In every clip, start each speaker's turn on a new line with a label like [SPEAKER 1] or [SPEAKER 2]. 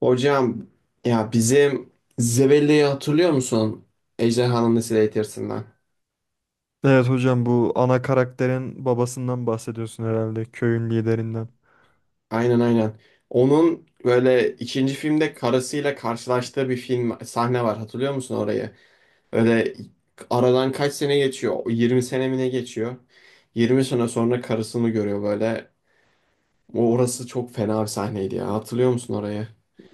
[SPEAKER 1] Hocam, ya bizim Zebelli'yi hatırlıyor musun? Ejderhanın Nesli Eğitirsinden.
[SPEAKER 2] Evet hocam, bu ana karakterin babasından bahsediyorsun herhalde, köyün liderinden.
[SPEAKER 1] Aynen, aynen. Onun böyle ikinci filmde karısıyla karşılaştığı bir film sahne var. Hatırlıyor musun orayı? Öyle aradan kaç sene geçiyor? 20 sene mi ne geçiyor? 20 sene sonra karısını görüyor böyle. O orası çok fena bir sahneydi ya. Hatırlıyor musun orayı?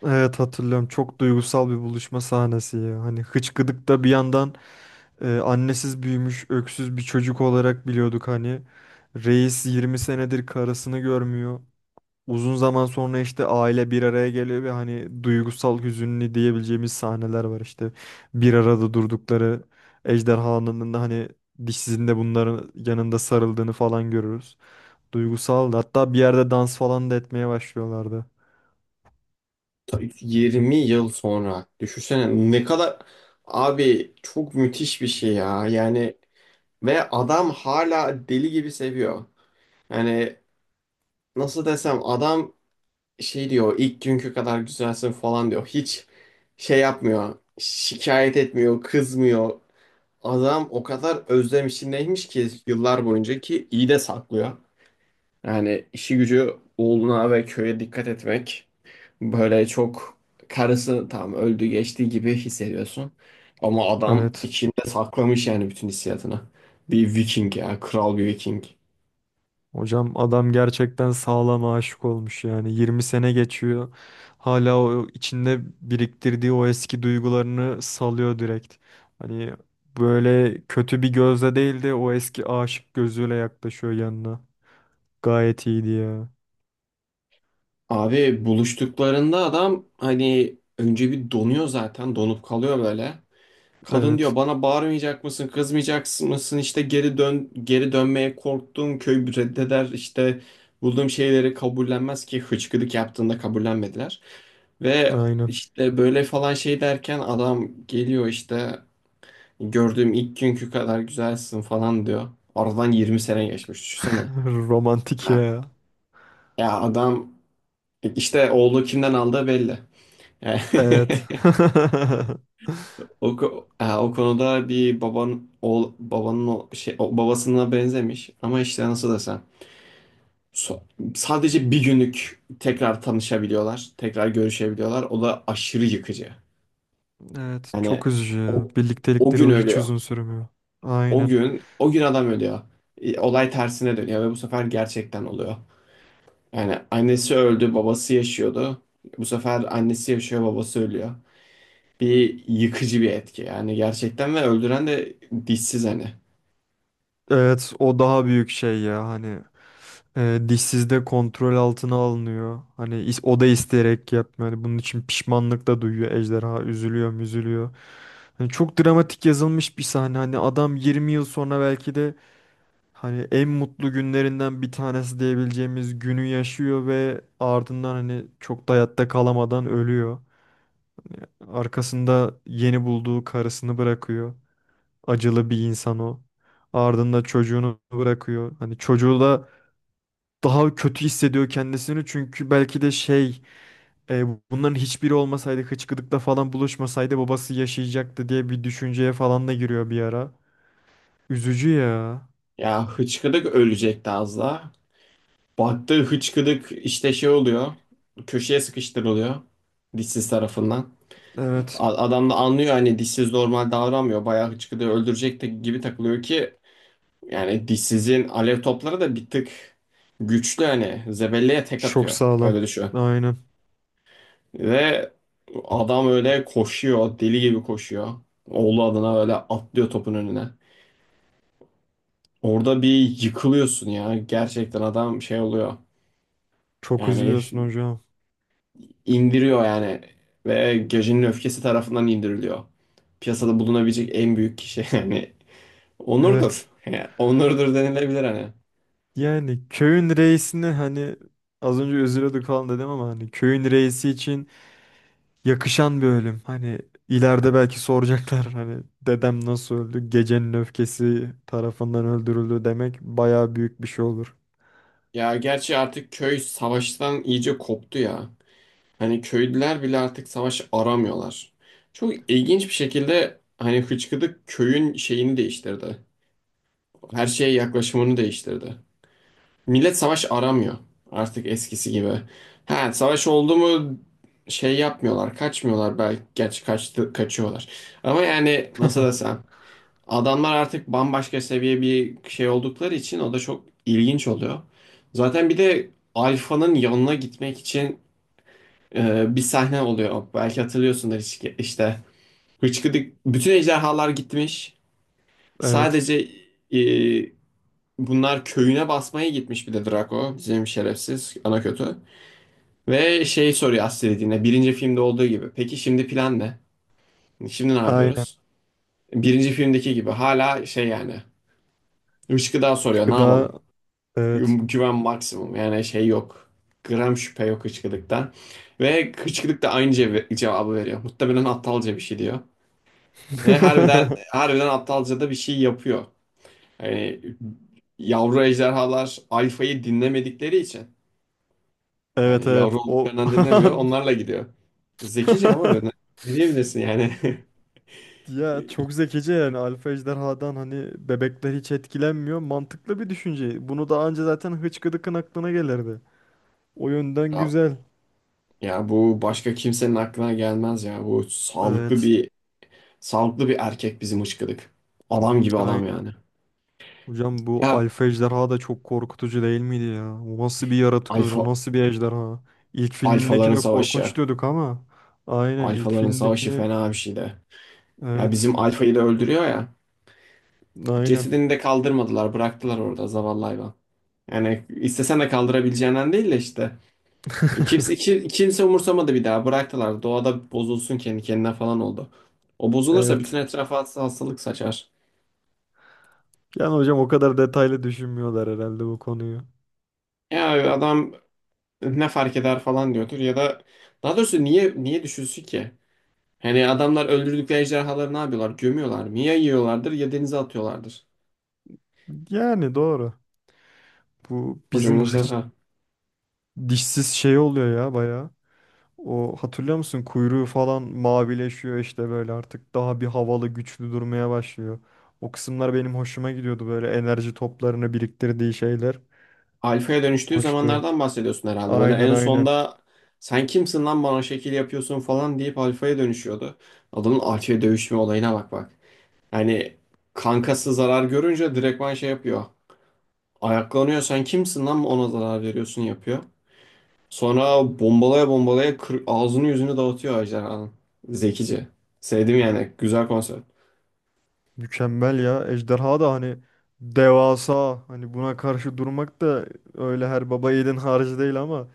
[SPEAKER 2] Evet hatırlıyorum, çok duygusal bir buluşma sahnesi ya. Hani hıçkıdıkta bir yandan annesiz büyümüş öksüz bir çocuk olarak biliyorduk hani. Reis 20 senedir karısını görmüyor. Uzun zaman sonra işte aile bir araya geliyor ve hani duygusal, hüzünlü diyebileceğimiz sahneler var işte. Bir arada durdukları ejderhanın da hani dişsizinde bunların yanında sarıldığını falan görürüz. Duygusal. Hatta bir yerde dans falan da etmeye başlıyorlardı.
[SPEAKER 1] 20 yıl sonra. Düşünsene ne kadar abi çok müthiş bir şey ya. Yani ve adam hala deli gibi seviyor. Yani nasıl desem, adam şey diyor, ilk günkü kadar güzelsin falan diyor. Hiç şey yapmıyor. Şikayet etmiyor, kızmıyor. Adam o kadar özlem içindeymiş ki yıllar boyunca, ki iyi de saklıyor. Yani işi gücü oğluna ve köye dikkat etmek. Böyle çok karısı tam öldü geçti gibi hissediyorsun. Ama adam
[SPEAKER 2] Evet.
[SPEAKER 1] içinde saklamış yani bütün hissiyatını. Bir Viking ya, kral bir Viking.
[SPEAKER 2] Hocam adam gerçekten sağlam aşık olmuş yani. 20 sene geçiyor. Hala o içinde biriktirdiği o eski duygularını salıyor direkt. Hani böyle kötü bir gözle değil de o eski aşık gözüyle yaklaşıyor yanına. Gayet iyiydi ya.
[SPEAKER 1] Abi buluştuklarında adam hani önce bir donuyor, zaten donup kalıyor böyle. Kadın diyor
[SPEAKER 2] Evet.
[SPEAKER 1] bana bağırmayacak mısın, kızmayacak mısın, işte geri dön, geri dönmeye korktum, köy reddeder, işte bulduğum şeyleri kabullenmez ki, hıçkırık yaptığında kabullenmediler. Ve
[SPEAKER 2] Aynen.
[SPEAKER 1] işte böyle falan şey derken adam geliyor, işte gördüğüm ilk günkü kadar güzelsin falan diyor. Aradan 20 sene geçmiş, düşünsene.
[SPEAKER 2] Romantik
[SPEAKER 1] Ha,
[SPEAKER 2] ya.
[SPEAKER 1] ya adam işte oğlu kimden aldığı belli. Yani
[SPEAKER 2] Evet.
[SPEAKER 1] o, o konuda bir baban oğul babanın o şey o babasına benzemiş ama işte nasıl desem so- sadece bir günlük tekrar tanışabiliyorlar, tekrar görüşebiliyorlar. O da aşırı yıkıcı.
[SPEAKER 2] Evet.
[SPEAKER 1] Yani
[SPEAKER 2] Çok üzücü ya.
[SPEAKER 1] o, o gün
[SPEAKER 2] Birliktelikleri hiç
[SPEAKER 1] ölüyor.
[SPEAKER 2] uzun sürmüyor.
[SPEAKER 1] O
[SPEAKER 2] Aynen.
[SPEAKER 1] gün, o gün adam ölüyor. Olay tersine dönüyor ve bu sefer gerçekten oluyor. Yani annesi öldü, babası yaşıyordu. Bu sefer annesi yaşıyor, babası ölüyor. Bir yıkıcı bir etki yani gerçekten, ve öldüren de dişsiz hani.
[SPEAKER 2] Evet, o daha büyük şey ya. Hani dişsiz de kontrol altına alınıyor. Hani o da isteyerek yapmıyor. Hani bunun için pişmanlık da duyuyor, ejderha üzülüyor müzülüyor. Hani çok dramatik yazılmış bir sahne. Hani adam 20 yıl sonra belki de hani en mutlu günlerinden bir tanesi diyebileceğimiz günü yaşıyor ve ardından hani çok da hayatta kalamadan ölüyor. Arkasında yeni bulduğu karısını bırakıyor. Acılı bir insan o. Ardında çocuğunu bırakıyor. Hani çocuğu da daha kötü hissediyor kendisini, çünkü belki de e, bunların hiçbiri olmasaydı, hıçkıdıkla falan buluşmasaydı babası yaşayacaktı diye bir düşünceye falan da giriyor bir ara. Üzücü ya.
[SPEAKER 1] Ya hıçkıdık ölecekti az daha. Baktı hıçkıdık işte şey oluyor. Köşeye sıkıştırılıyor. Dişsiz tarafından.
[SPEAKER 2] Evet.
[SPEAKER 1] Adam da anlıyor hani dişsiz normal davranmıyor. Bayağı hıçkıdığı öldürecekti gibi takılıyor ki yani dişsizin alev topları da bir tık güçlü hani. Zebelliye tek
[SPEAKER 2] Çok
[SPEAKER 1] atıyor.
[SPEAKER 2] sağlam.
[SPEAKER 1] Öyle düşün.
[SPEAKER 2] Aynen.
[SPEAKER 1] Ve adam öyle koşuyor. Deli gibi koşuyor. Oğlu adına öyle atlıyor topun önüne. Orada bir yıkılıyorsun ya. Gerçekten adam şey oluyor.
[SPEAKER 2] Çok
[SPEAKER 1] Yani
[SPEAKER 2] üzülüyorsun hocam.
[SPEAKER 1] indiriyor yani. Ve gecenin öfkesi tarafından indiriliyor. Piyasada bulunabilecek en büyük kişi yani. Onurdur.
[SPEAKER 2] Evet.
[SPEAKER 1] Yani onurdur denilebilir hani.
[SPEAKER 2] Yani köyün reisini hani az önce üzülüyorduk falan dedim ama hani köyün reisi için yakışan bir ölüm. Hani ileride belki soracaklar, hani dedem nasıl öldü? Gecenin öfkesi tarafından öldürüldü demek bayağı büyük bir şey olur.
[SPEAKER 1] Ya gerçi artık köy savaştan iyice koptu ya. Hani köylüler bile artık savaş aramıyorlar. Çok ilginç bir şekilde hani Hıçkıdık köyün şeyini değiştirdi. Her şeye yaklaşımını değiştirdi. Millet savaş aramıyor artık eskisi gibi. Ha, savaş oldu mu şey yapmıyorlar, kaçmıyorlar belki. Gerçi kaçtı, kaçıyorlar. Ama yani nasıl desem, adamlar artık bambaşka seviye bir şey oldukları için o da çok ilginç oluyor. Zaten bir de Alfa'nın yanına gitmek için bir sahne oluyor. Belki hatırlıyorsundur, işte. Hıçkıdık bütün ejderhalar gitmiş.
[SPEAKER 2] Evet.
[SPEAKER 1] Sadece e, bunlar köyüne basmaya gitmiş bir de Draco. Bizim şerefsiz ana kötü. Ve şey soruyor Astrid'ine birinci filmde olduğu gibi. Peki şimdi plan ne? Şimdi ne
[SPEAKER 2] Aynen.
[SPEAKER 1] yapıyoruz? Birinci filmdeki gibi hala şey yani. Işkıdağ
[SPEAKER 2] Üç
[SPEAKER 1] soruyor, ne yapalım?
[SPEAKER 2] gıda. Evet.
[SPEAKER 1] Güven maksimum yani şey yok. Gram şüphe yok Hıçkıdık'tan. Ve Hıçkıdık da aynı cevabı veriyor. Muhtemelen aptalca bir şey diyor. Ve harbiden, harbiden aptalca da bir şey yapıyor. Yani yavru ejderhalar alfayı dinlemedikleri için
[SPEAKER 2] Evet,
[SPEAKER 1] yani
[SPEAKER 2] evet.
[SPEAKER 1] yavru
[SPEAKER 2] O
[SPEAKER 1] olduklarından dinlemiyor. Onlarla gidiyor. Zekice ama böyle. Ne diyebilirsin yani?
[SPEAKER 2] Ya çok zekice yani, alfa ejderhadan hani bebekler hiç etkilenmiyor. Mantıklı bir düşünce. Bunu daha önce zaten Hıçkıdık'ın aklına gelirdi. O yönden
[SPEAKER 1] Ya,
[SPEAKER 2] güzel.
[SPEAKER 1] ya bu başka kimsenin aklına gelmez ya. Bu sağlıklı
[SPEAKER 2] Evet.
[SPEAKER 1] bir, sağlıklı bir erkek bizim ışkıdık. Adam gibi adam yani.
[SPEAKER 2] Hocam, bu
[SPEAKER 1] Ya
[SPEAKER 2] alfa ejderha da çok korkutucu değil miydi ya? O nasıl bir yaratık öyle? O
[SPEAKER 1] alfa
[SPEAKER 2] nasıl bir ejderha? İlk
[SPEAKER 1] alfaların
[SPEAKER 2] filmindekine
[SPEAKER 1] savaşı.
[SPEAKER 2] korkunç diyorduk ama aynen ilk
[SPEAKER 1] Alfaların savaşı
[SPEAKER 2] filmindekini
[SPEAKER 1] fena bir şey de. Ya
[SPEAKER 2] evet
[SPEAKER 1] bizim alfayı da öldürüyor ya.
[SPEAKER 2] aynen
[SPEAKER 1] Cesedini de kaldırmadılar, bıraktılar orada zavallı hayvan. Yani istesen de kaldırabileceğinden değil de işte. Kimse umursamadı bir daha. Bıraktılar. Doğada bozulsun kendi kendine falan oldu. O bozulursa bütün
[SPEAKER 2] evet.
[SPEAKER 1] etrafa hastalık saçar.
[SPEAKER 2] Yani hocam o kadar detaylı düşünmüyorlar herhalde bu konuyu.
[SPEAKER 1] Ya adam ne fark eder falan diyordur ya da daha doğrusu niye düşünsün ki? Hani adamlar öldürdükleri ejderhaları ne yapıyorlar? Gömüyorlar mı? Ya yiyorlardır ya denize atıyorlardır.
[SPEAKER 2] Yani doğru. Bu
[SPEAKER 1] Kocaman
[SPEAKER 2] bizim
[SPEAKER 1] ejderha.
[SPEAKER 2] dişsiz şey oluyor ya baya. O, hatırlıyor musun? Kuyruğu falan mavileşiyor işte, böyle artık daha bir havalı, güçlü durmaya başlıyor. O kısımlar benim hoşuma gidiyordu, böyle enerji toplarını biriktirdiği şeyler.
[SPEAKER 1] Alfa'ya dönüştüğü
[SPEAKER 2] Hoştu.
[SPEAKER 1] zamanlardan bahsediyorsun herhalde. Böyle
[SPEAKER 2] Aynen,
[SPEAKER 1] en
[SPEAKER 2] aynen.
[SPEAKER 1] sonda sen kimsin lan bana şekil yapıyorsun falan deyip alfaya dönüşüyordu. Adamın alfaya dövüşme olayına bak bak. Yani kankası zarar görünce direktman şey yapıyor. Ayaklanıyor, sen kimsin lan ona zarar veriyorsun yapıyor. Sonra bombalaya bombalaya ağzını yüzünü dağıtıyor ejderhanın. Zekice. Sevdim yani. Güzel konsept.
[SPEAKER 2] Mükemmel ya. Ejderha da hani devasa. Hani buna karşı durmak da öyle her baba yiğidin harcı değil ama.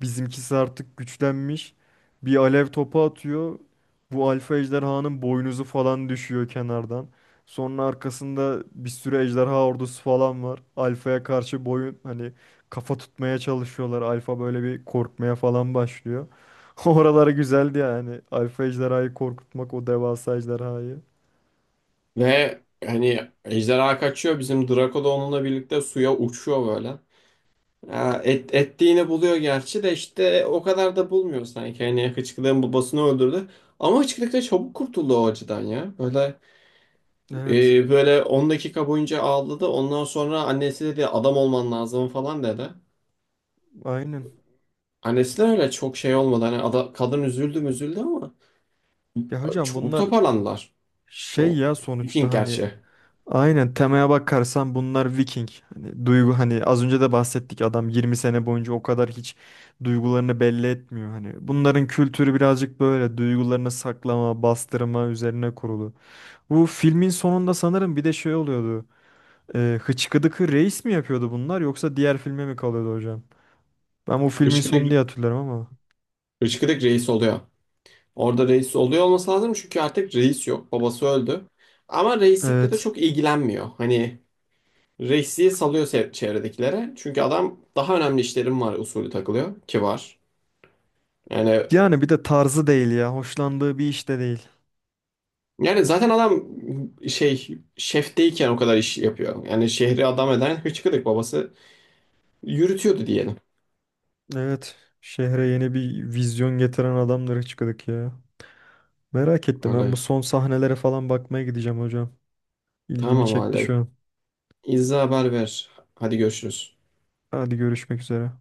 [SPEAKER 2] Bizimkisi artık güçlenmiş. Bir alev topu atıyor. Bu alfa ejderhanın boynuzu falan düşüyor kenardan. Sonra arkasında bir sürü ejderha ordusu falan var. Alfa'ya karşı boyun hani kafa tutmaya çalışıyorlar. Alfa böyle bir korkmaya falan başlıyor. Oraları güzeldi yani. Alfa ejderhayı korkutmak, o devasa ejderhayı.
[SPEAKER 1] Ve hani ejderha kaçıyor. Bizim Draco da onunla birlikte suya uçuyor böyle. Ya ettiğini buluyor gerçi de işte o kadar da bulmuyor sanki. Hani Hıçkırık'ın babasını öldürdü. Ama Hıçkırık da çabuk kurtuldu o acıdan ya. Böyle
[SPEAKER 2] Evet,
[SPEAKER 1] Böyle 10 dakika boyunca ağladı. Ondan sonra annesi dedi adam olman lazım falan dedi.
[SPEAKER 2] aynen.
[SPEAKER 1] Annesi de öyle çok şey olmadı. Hani kadın üzüldü mü üzüldü ama
[SPEAKER 2] Ya hocam,
[SPEAKER 1] çok
[SPEAKER 2] bunlar
[SPEAKER 1] toparlandılar.
[SPEAKER 2] şey
[SPEAKER 1] Çok.
[SPEAKER 2] ya sonuçta
[SPEAKER 1] Viking
[SPEAKER 2] hani
[SPEAKER 1] gerçi.
[SPEAKER 2] aynen, temaya bakarsan bunlar Viking. Hani duygu hani az önce de bahsettik, adam 20 sene boyunca o kadar hiç duygularını belli etmiyor hani. Bunların kültürü birazcık böyle duygularını saklama, bastırma üzerine kurulu. Bu filmin sonunda sanırım bir de şey oluyordu. Hıçkıdıkı Reis mi yapıyordu bunlar, yoksa diğer filme mi kalıyordu hocam? Ben bu filmin sonu
[SPEAKER 1] Işkıdık,
[SPEAKER 2] diye hatırlarım ama.
[SPEAKER 1] Işkıdık reis oluyor. Orada reis oluyor, olması lazım çünkü artık reis yok. Babası öldü. Ama reislikle de
[SPEAKER 2] Evet.
[SPEAKER 1] çok ilgilenmiyor. Hani reisliği salıyor çevredekilere. Çünkü adam daha önemli işlerim var usulü takılıyor ki var. Yani
[SPEAKER 2] Yani bir de tarzı değil ya. Hoşlandığı bir iş de değil.
[SPEAKER 1] yani zaten adam şey şefteyken o kadar iş yapıyor. Yani şehri adam eden Hıçkırık babası yürütüyordu diyelim.
[SPEAKER 2] Evet. Şehre yeni bir vizyon getiren adamdır Hıçkıdık ya. Merak ettim, ben
[SPEAKER 1] Öyle.
[SPEAKER 2] bu son sahnelere falan bakmaya gideceğim hocam. İlgimi
[SPEAKER 1] Tamam
[SPEAKER 2] çekti
[SPEAKER 1] hala.
[SPEAKER 2] şu an.
[SPEAKER 1] İzza haber ver. Hadi görüşürüz.
[SPEAKER 2] Hadi görüşmek üzere.